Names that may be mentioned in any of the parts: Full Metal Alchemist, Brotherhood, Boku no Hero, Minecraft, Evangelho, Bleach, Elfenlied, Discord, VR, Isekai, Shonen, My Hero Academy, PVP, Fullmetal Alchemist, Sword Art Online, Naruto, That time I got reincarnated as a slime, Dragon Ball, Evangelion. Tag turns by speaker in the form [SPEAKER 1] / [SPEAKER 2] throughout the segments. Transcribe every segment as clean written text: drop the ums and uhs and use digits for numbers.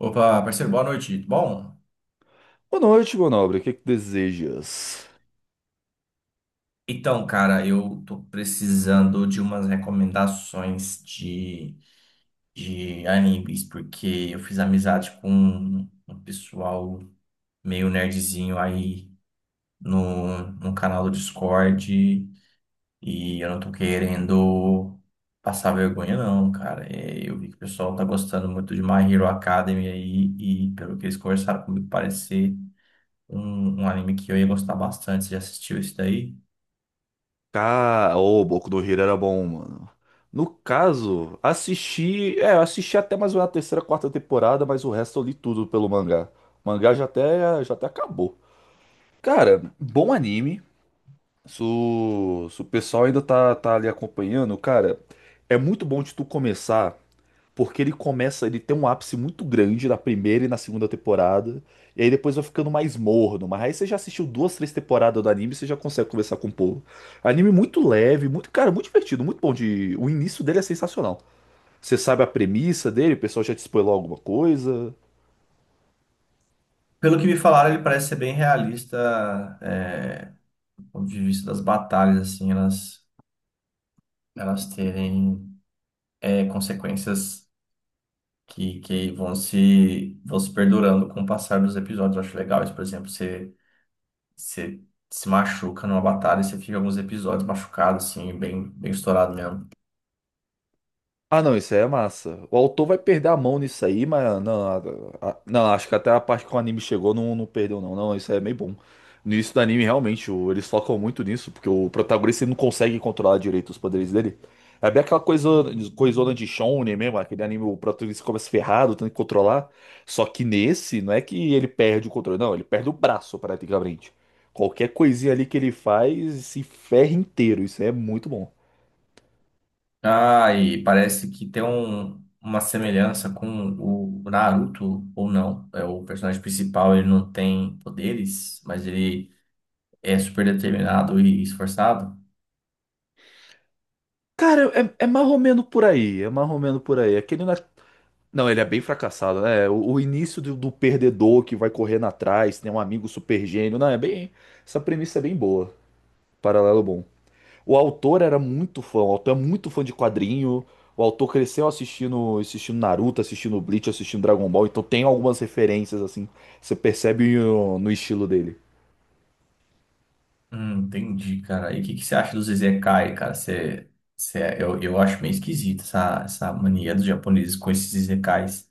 [SPEAKER 1] Opa, parceiro, boa noite. Bom,
[SPEAKER 2] Boa noite, meu nobre. O que é que desejas?
[SPEAKER 1] cara, eu tô precisando de umas recomendações de animes, porque eu fiz amizade com um pessoal meio nerdzinho aí no canal do Discord e eu não tô querendo passar vergonha, não, cara. É, eu vi que o pessoal tá gostando muito de My Hero Academy aí e pelo que eles conversaram comigo, parecer um anime que eu ia gostar bastante. Você já assistiu isso daí?
[SPEAKER 2] Ô, Boku no Hero era bom, mano. No caso, assisti. É, eu assisti até mais ou menos a terceira, quarta temporada, mas o resto eu li tudo pelo mangá. O mangá já até acabou. Cara, bom anime. Se o pessoal ainda tá ali acompanhando, cara, é muito bom de tu começar. Porque ele começa, ele tem um ápice muito grande na primeira e na segunda temporada, e aí depois vai ficando mais morno. Mas aí você já assistiu duas, três temporadas do anime, você já consegue conversar com o povo. Anime muito leve, muito, cara, muito divertido, muito bom de, o início dele é sensacional. Você sabe a premissa dele, o pessoal já te spoilou alguma coisa.
[SPEAKER 1] Pelo que me falaram, ele parece ser bem realista, é, do ponto de vista das batalhas, assim, elas terem consequências que vão se perdurando com o passar dos episódios. Eu acho legal isso. Por exemplo, você se machuca numa batalha e você fica alguns episódios machucado, assim, bem estourado mesmo.
[SPEAKER 2] Ah, não, isso aí é massa. O autor vai perder a mão nisso aí, mas não, não, acho que até a parte que o anime chegou não, não perdeu, não. Não, isso aí é meio bom. No início do anime, realmente, eles focam muito nisso, porque o protagonista ele não consegue controlar direito os poderes dele. É bem aquela coisa, coisona de Shonen mesmo, aquele anime, o protagonista começa ferrado, tendo que controlar. Só que nesse, não é que ele perde o controle, não, ele perde o braço praticamente. Qualquer coisinha ali que ele faz, se ferra inteiro. Isso aí é muito bom.
[SPEAKER 1] Ah, e parece que tem uma semelhança com o Naruto, ou não. É, o personagem principal, ele não tem poderes, mas ele é super determinado e esforçado?
[SPEAKER 2] Cara, é marromeno por aí, é marromeno por aí. Não, ele é bem fracassado, né? O início do perdedor que vai correndo atrás, tem um amigo super gênio. Não, é bem. Essa premissa é bem boa. Paralelo bom. O autor era muito fã, o autor é muito fã de quadrinho. O autor cresceu assistindo Naruto, assistindo Bleach, assistindo Dragon Ball, então tem algumas referências, assim, você percebe no estilo dele.
[SPEAKER 1] Entendi, cara. E o que você acha dos Izekai, cara? Eu acho meio esquisito essa mania dos japoneses com esses Izekais.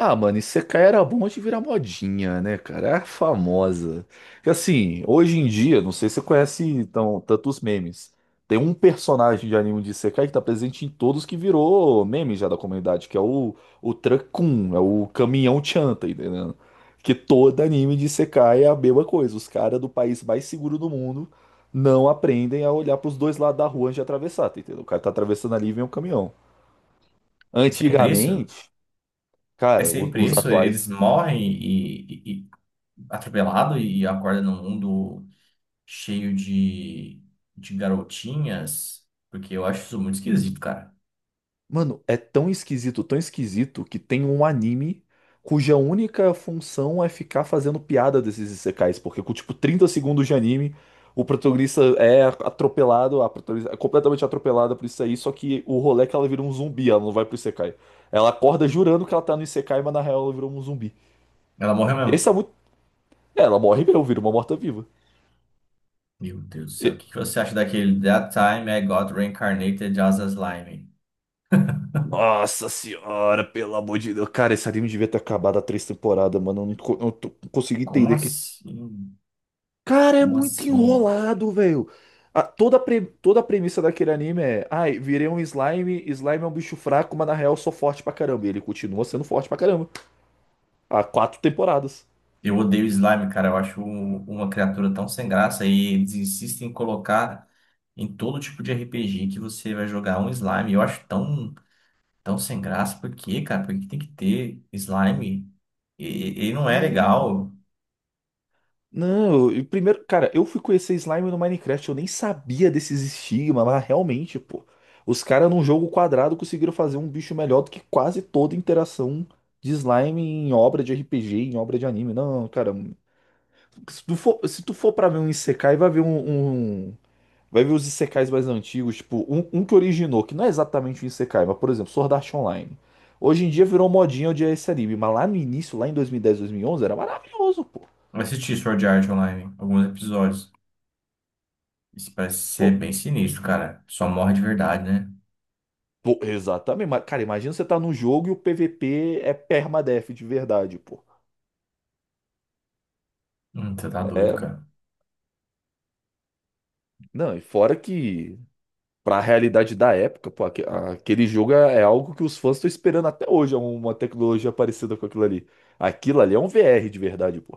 [SPEAKER 2] Ah, mano, Isekai era bom de virar modinha, né, cara? Era famosa. Porque, assim, hoje em dia, não sei se você conhece então tantos memes. Tem um personagem de anime de Isekai que tá presente em todos que virou meme já da comunidade, que é o Kun, é o caminhão Chan, tá entendendo? Que todo anime de Isekai é a mesma coisa. Os caras do país mais seguro do mundo não aprendem a olhar pros dois lados da rua antes de atravessar, tá entendendo? O cara tá atravessando ali e vem um caminhão.
[SPEAKER 1] Sempre isso?
[SPEAKER 2] Antigamente,
[SPEAKER 1] É
[SPEAKER 2] cara,
[SPEAKER 1] sempre
[SPEAKER 2] os
[SPEAKER 1] isso? Eles
[SPEAKER 2] atuais.
[SPEAKER 1] morrem e atropelado e acordam num mundo cheio de garotinhas? Porque eu acho isso muito esquisito, cara.
[SPEAKER 2] Mano, é tão esquisito, que tem um anime cuja única função é ficar fazendo piada desses isekais, porque com tipo 30 segundos de anime, o protagonista é atropelado, a protagonista é completamente atropelada por isso aí, só que o rolê é que ela vira um zumbi, ela não vai pro isekai. Ela acorda jurando que ela tá no isekai, mas na real ela virou um zumbi.
[SPEAKER 1] Ela morreu mesmo.
[SPEAKER 2] Esse é muito... É, ela morre mesmo, vira uma morta-viva.
[SPEAKER 1] Meu Deus do céu. O
[SPEAKER 2] E-
[SPEAKER 1] que você acha daquele That time I got reincarnated as a slime?
[SPEAKER 2] Nossa senhora, pelo amor de Deus. Cara, esse anime devia ter acabado há três temporadas, mano. Eu não, co- eu não tô- Não consigo
[SPEAKER 1] Como
[SPEAKER 2] entender o que.
[SPEAKER 1] assim?
[SPEAKER 2] Cara, é
[SPEAKER 1] Como
[SPEAKER 2] muito
[SPEAKER 1] assim?
[SPEAKER 2] enrolado, velho. Toda a premissa daquele anime é, ai, virei um slime, slime é um bicho fraco, mas na real eu sou forte pra caramba. E ele continua sendo forte pra caramba. Há quatro temporadas.
[SPEAKER 1] Eu odeio slime, cara. Eu acho um- uma criatura tão sem graça e eles insistem em colocar em todo tipo de RPG que você vai jogar um slime. Eu acho tão sem graça. Por quê, cara? Por que tem que ter slime? E- ele não é
[SPEAKER 2] Não,
[SPEAKER 1] legal.
[SPEAKER 2] não. E primeiro, cara, eu fui conhecer slime no Minecraft, eu nem sabia desses estigmas, mas realmente, pô. Os caras num jogo quadrado conseguiram fazer um bicho melhor do que quase toda interação de slime em obra de RPG, em obra de anime. Não, cara, se tu for, pra ver um Isekai, vai ver um- vai ver os Isekais mais antigos, tipo, um que originou, que não é exatamente um Isekai, mas, por exemplo, Sword Art Online. Hoje em dia virou modinha odiar esse anime, mas lá no início, lá em 2010, 2011, era maravilhoso, pô.
[SPEAKER 1] Eu assisti Sword Art Online, alguns episódios. Isso parece
[SPEAKER 2] Pô,
[SPEAKER 1] ser bem sinistro, cara. Só morre de verdade, né?
[SPEAKER 2] pô, exatamente. Mas, cara, imagina você tá num jogo e o PVP é permadeath de verdade, pô.
[SPEAKER 1] Você tá doido,
[SPEAKER 2] É,
[SPEAKER 1] cara.
[SPEAKER 2] não, e fora que pra realidade da época, pô, aquele jogo é algo que os fãs estão esperando até hoje, é uma tecnologia parecida com aquilo ali. Aquilo ali é um VR de verdade, pô.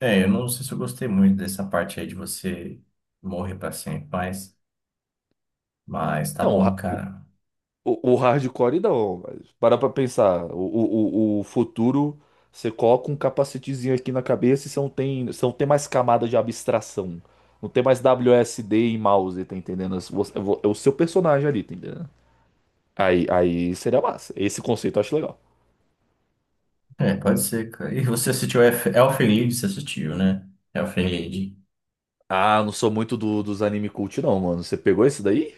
[SPEAKER 1] É, eu não sei se eu gostei muito dessa parte aí de você morrer pra sempre, mas tá
[SPEAKER 2] Não, o,
[SPEAKER 1] bom,
[SPEAKER 2] ra-
[SPEAKER 1] cara.
[SPEAKER 2] o hardcore não, mas para pra pensar, o futuro, você coloca um capacetezinho aqui na cabeça e você não tem mais camada de abstração. Não tem mais WSD e mouse, tá entendendo? É o seu personagem ali, tá entendendo? Aí seria massa. Esse conceito eu acho legal.
[SPEAKER 1] É, pode ser, cara. E você assistiu Elf- Elfenlied, você assistiu, né? Elfenlied.
[SPEAKER 2] Ah, eu não sou muito dos anime cult, não, mano. Você pegou esse daí?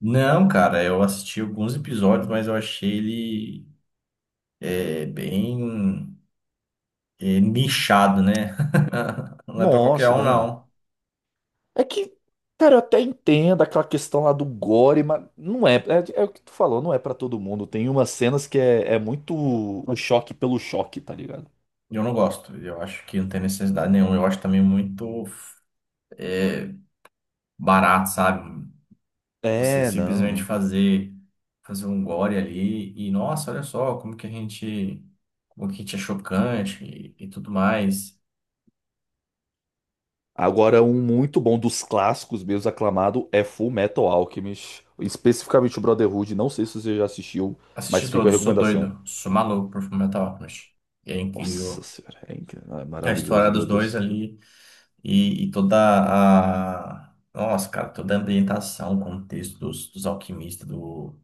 [SPEAKER 1] Não, cara, eu assisti alguns episódios, mas eu achei ele bem nichado, né? Não é pra qualquer
[SPEAKER 2] Nossa,
[SPEAKER 1] um,
[SPEAKER 2] Dan.
[SPEAKER 1] não.
[SPEAKER 2] É que, cara, eu até entendo aquela questão lá do gore, mas não é. É o que tu falou, não é pra todo mundo. Tem umas cenas que é muito o choque pelo choque, tá ligado?
[SPEAKER 1] Eu não gosto. Eu acho que não tem necessidade nenhuma. Eu acho também muito é, barato, sabe? Você
[SPEAKER 2] É, não,
[SPEAKER 1] simplesmente
[SPEAKER 2] não.
[SPEAKER 1] fazer um gore ali e nossa, olha só como que a gente é chocante e tudo mais.
[SPEAKER 2] Agora, um muito bom dos clássicos meus aclamado é Full Metal Alchemist. Especificamente o Brotherhood. Não sei se você já assistiu,
[SPEAKER 1] Assisti
[SPEAKER 2] mas fica a
[SPEAKER 1] todos, sou
[SPEAKER 2] recomendação.
[SPEAKER 1] doido, sou maluco por Fullmetal Alchemist. E é
[SPEAKER 2] Nossa
[SPEAKER 1] incrível
[SPEAKER 2] senhora, é incrível, é
[SPEAKER 1] a história
[SPEAKER 2] maravilhoso,
[SPEAKER 1] dos
[SPEAKER 2] meu
[SPEAKER 1] dois
[SPEAKER 2] Deus.
[SPEAKER 1] ali e toda a nossa, cara, toda a ambientação, o contexto dos alquimistas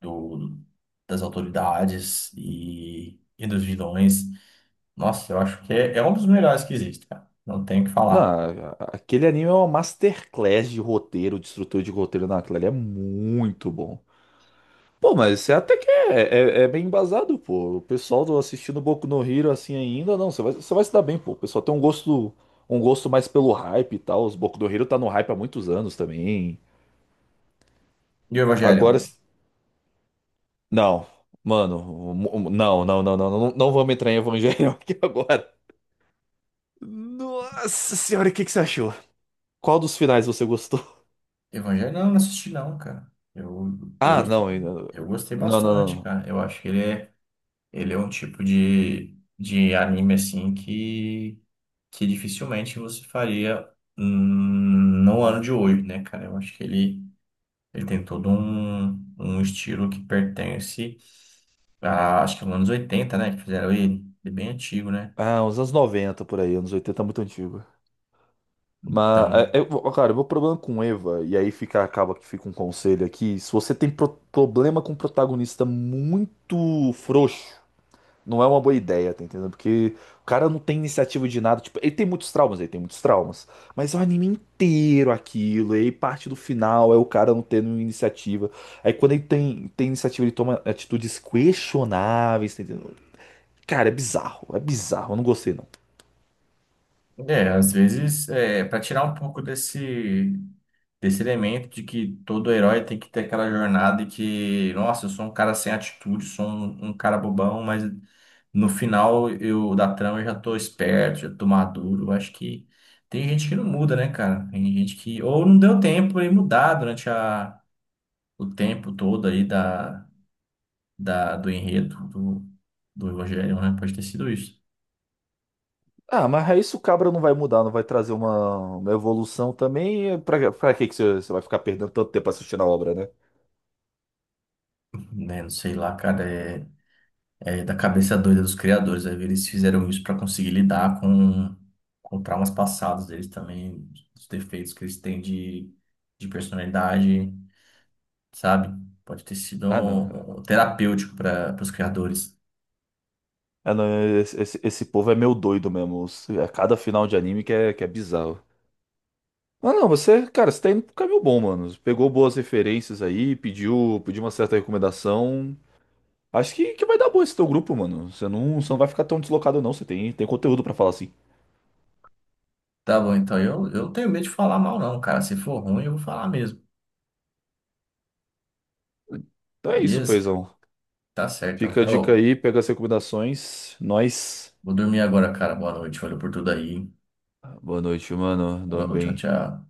[SPEAKER 1] do das autoridades e dos vilões. Nossa, eu acho que é um dos melhores que existe, cara. Não tenho o que
[SPEAKER 2] Não,
[SPEAKER 1] falar.
[SPEAKER 2] aquele anime é uma masterclass de roteiro, de estrutura de roteiro naquela ele é muito bom. Pô, mas você até que é bem embasado, pô. O pessoal do assistindo Boku no Hero assim ainda, não, você vai se dar bem, pô. O pessoal tem um gosto mais pelo hype e tal. Os Boku no Hero tá no hype há muitos anos também.
[SPEAKER 1] E o Evangelion?
[SPEAKER 2] Agora, não, mano, não, não, não, não, não, não vamos entrar em Evangelho aqui agora. Nossa senhora, o que que você achou? Qual dos finais você gostou?
[SPEAKER 1] Evangelion? Não, não assisti não, cara. Eu, eu
[SPEAKER 2] Ah,
[SPEAKER 1] gostei,
[SPEAKER 2] não,
[SPEAKER 1] eu gostei
[SPEAKER 2] não, não,
[SPEAKER 1] bastante,
[SPEAKER 2] não.
[SPEAKER 1] cara. Eu acho que ele ele é um tipo de anime, assim, que dificilmente você faria no ano de hoje, né, cara? Eu acho que ele tem todo um estilo que pertence a, acho que nos anos 80, né, que fizeram ele. Ele é bem antigo, né?
[SPEAKER 2] Ah, uns anos 90 por aí, anos 80 é muito antigo. Mas,
[SPEAKER 1] Então,
[SPEAKER 2] é, é, ó, cara, o meu problema com Eva, e aí fica, acaba que fica um conselho aqui: se você tem problema com um protagonista muito frouxo, não é uma boa ideia, tá entendendo? Porque o cara não tem iniciativa de nada. Tipo, ele tem muitos traumas, ele tem muitos traumas. Mas é o anime inteiro aquilo, e aí parte do final é o cara não tendo iniciativa. Aí quando ele tem iniciativa, ele toma atitudes questionáveis, tá entendendo? Cara, é bizarro, eu não gostei não.
[SPEAKER 1] é, às vezes, é, para tirar um pouco desse esse elemento de que todo herói tem que ter aquela jornada e que, nossa, eu sou um cara sem atitude, sou um cara bobão, mas no final eu da trama eu já tô esperto, já tô maduro. Eu acho que tem gente que não muda, né, cara? Tem gente que ou não deu tempo de mudar durante o tempo todo aí do enredo do Evangelho, né? Pode ter sido isso,
[SPEAKER 2] Ah, mas aí isso o cabra não vai mudar, não vai trazer uma evolução também. Pra que que você vai ficar perdendo tanto tempo assistindo a obra, né?
[SPEAKER 1] né? Não sei lá, cara. É, da cabeça doida dos criadores. Aí eles fizeram isso para conseguir lidar com traumas passados deles também, os defeitos que eles têm de personalidade, sabe? Pode ter sido
[SPEAKER 2] Ah, não.
[SPEAKER 1] um- um terapêutico para os criadores.
[SPEAKER 2] Ah, não, esse povo é meio doido mesmo. É cada final de anime que é bizarro. Mas não, você, cara, você tá indo pro caminho bom, mano. Pegou boas referências aí, pediu uma certa recomendação. Acho que vai dar bom esse teu grupo, mano. Você não vai ficar tão deslocado, não. Você tem conteúdo pra falar assim.
[SPEAKER 1] Tá bom, então eu não tenho medo de falar mal, não, cara. Se for ruim, eu vou falar mesmo,
[SPEAKER 2] Então é isso,
[SPEAKER 1] beleza?
[SPEAKER 2] Feizão.
[SPEAKER 1] Tá certo, então,
[SPEAKER 2] Fica a dica
[SPEAKER 1] Carol.
[SPEAKER 2] aí, pega as recomendações. Nós.
[SPEAKER 1] Vou dormir agora, cara. Boa noite. Valeu por tudo aí.
[SPEAKER 2] Ah, boa noite, mano. Dorme
[SPEAKER 1] Falou, tchau,
[SPEAKER 2] bem.
[SPEAKER 1] tchau.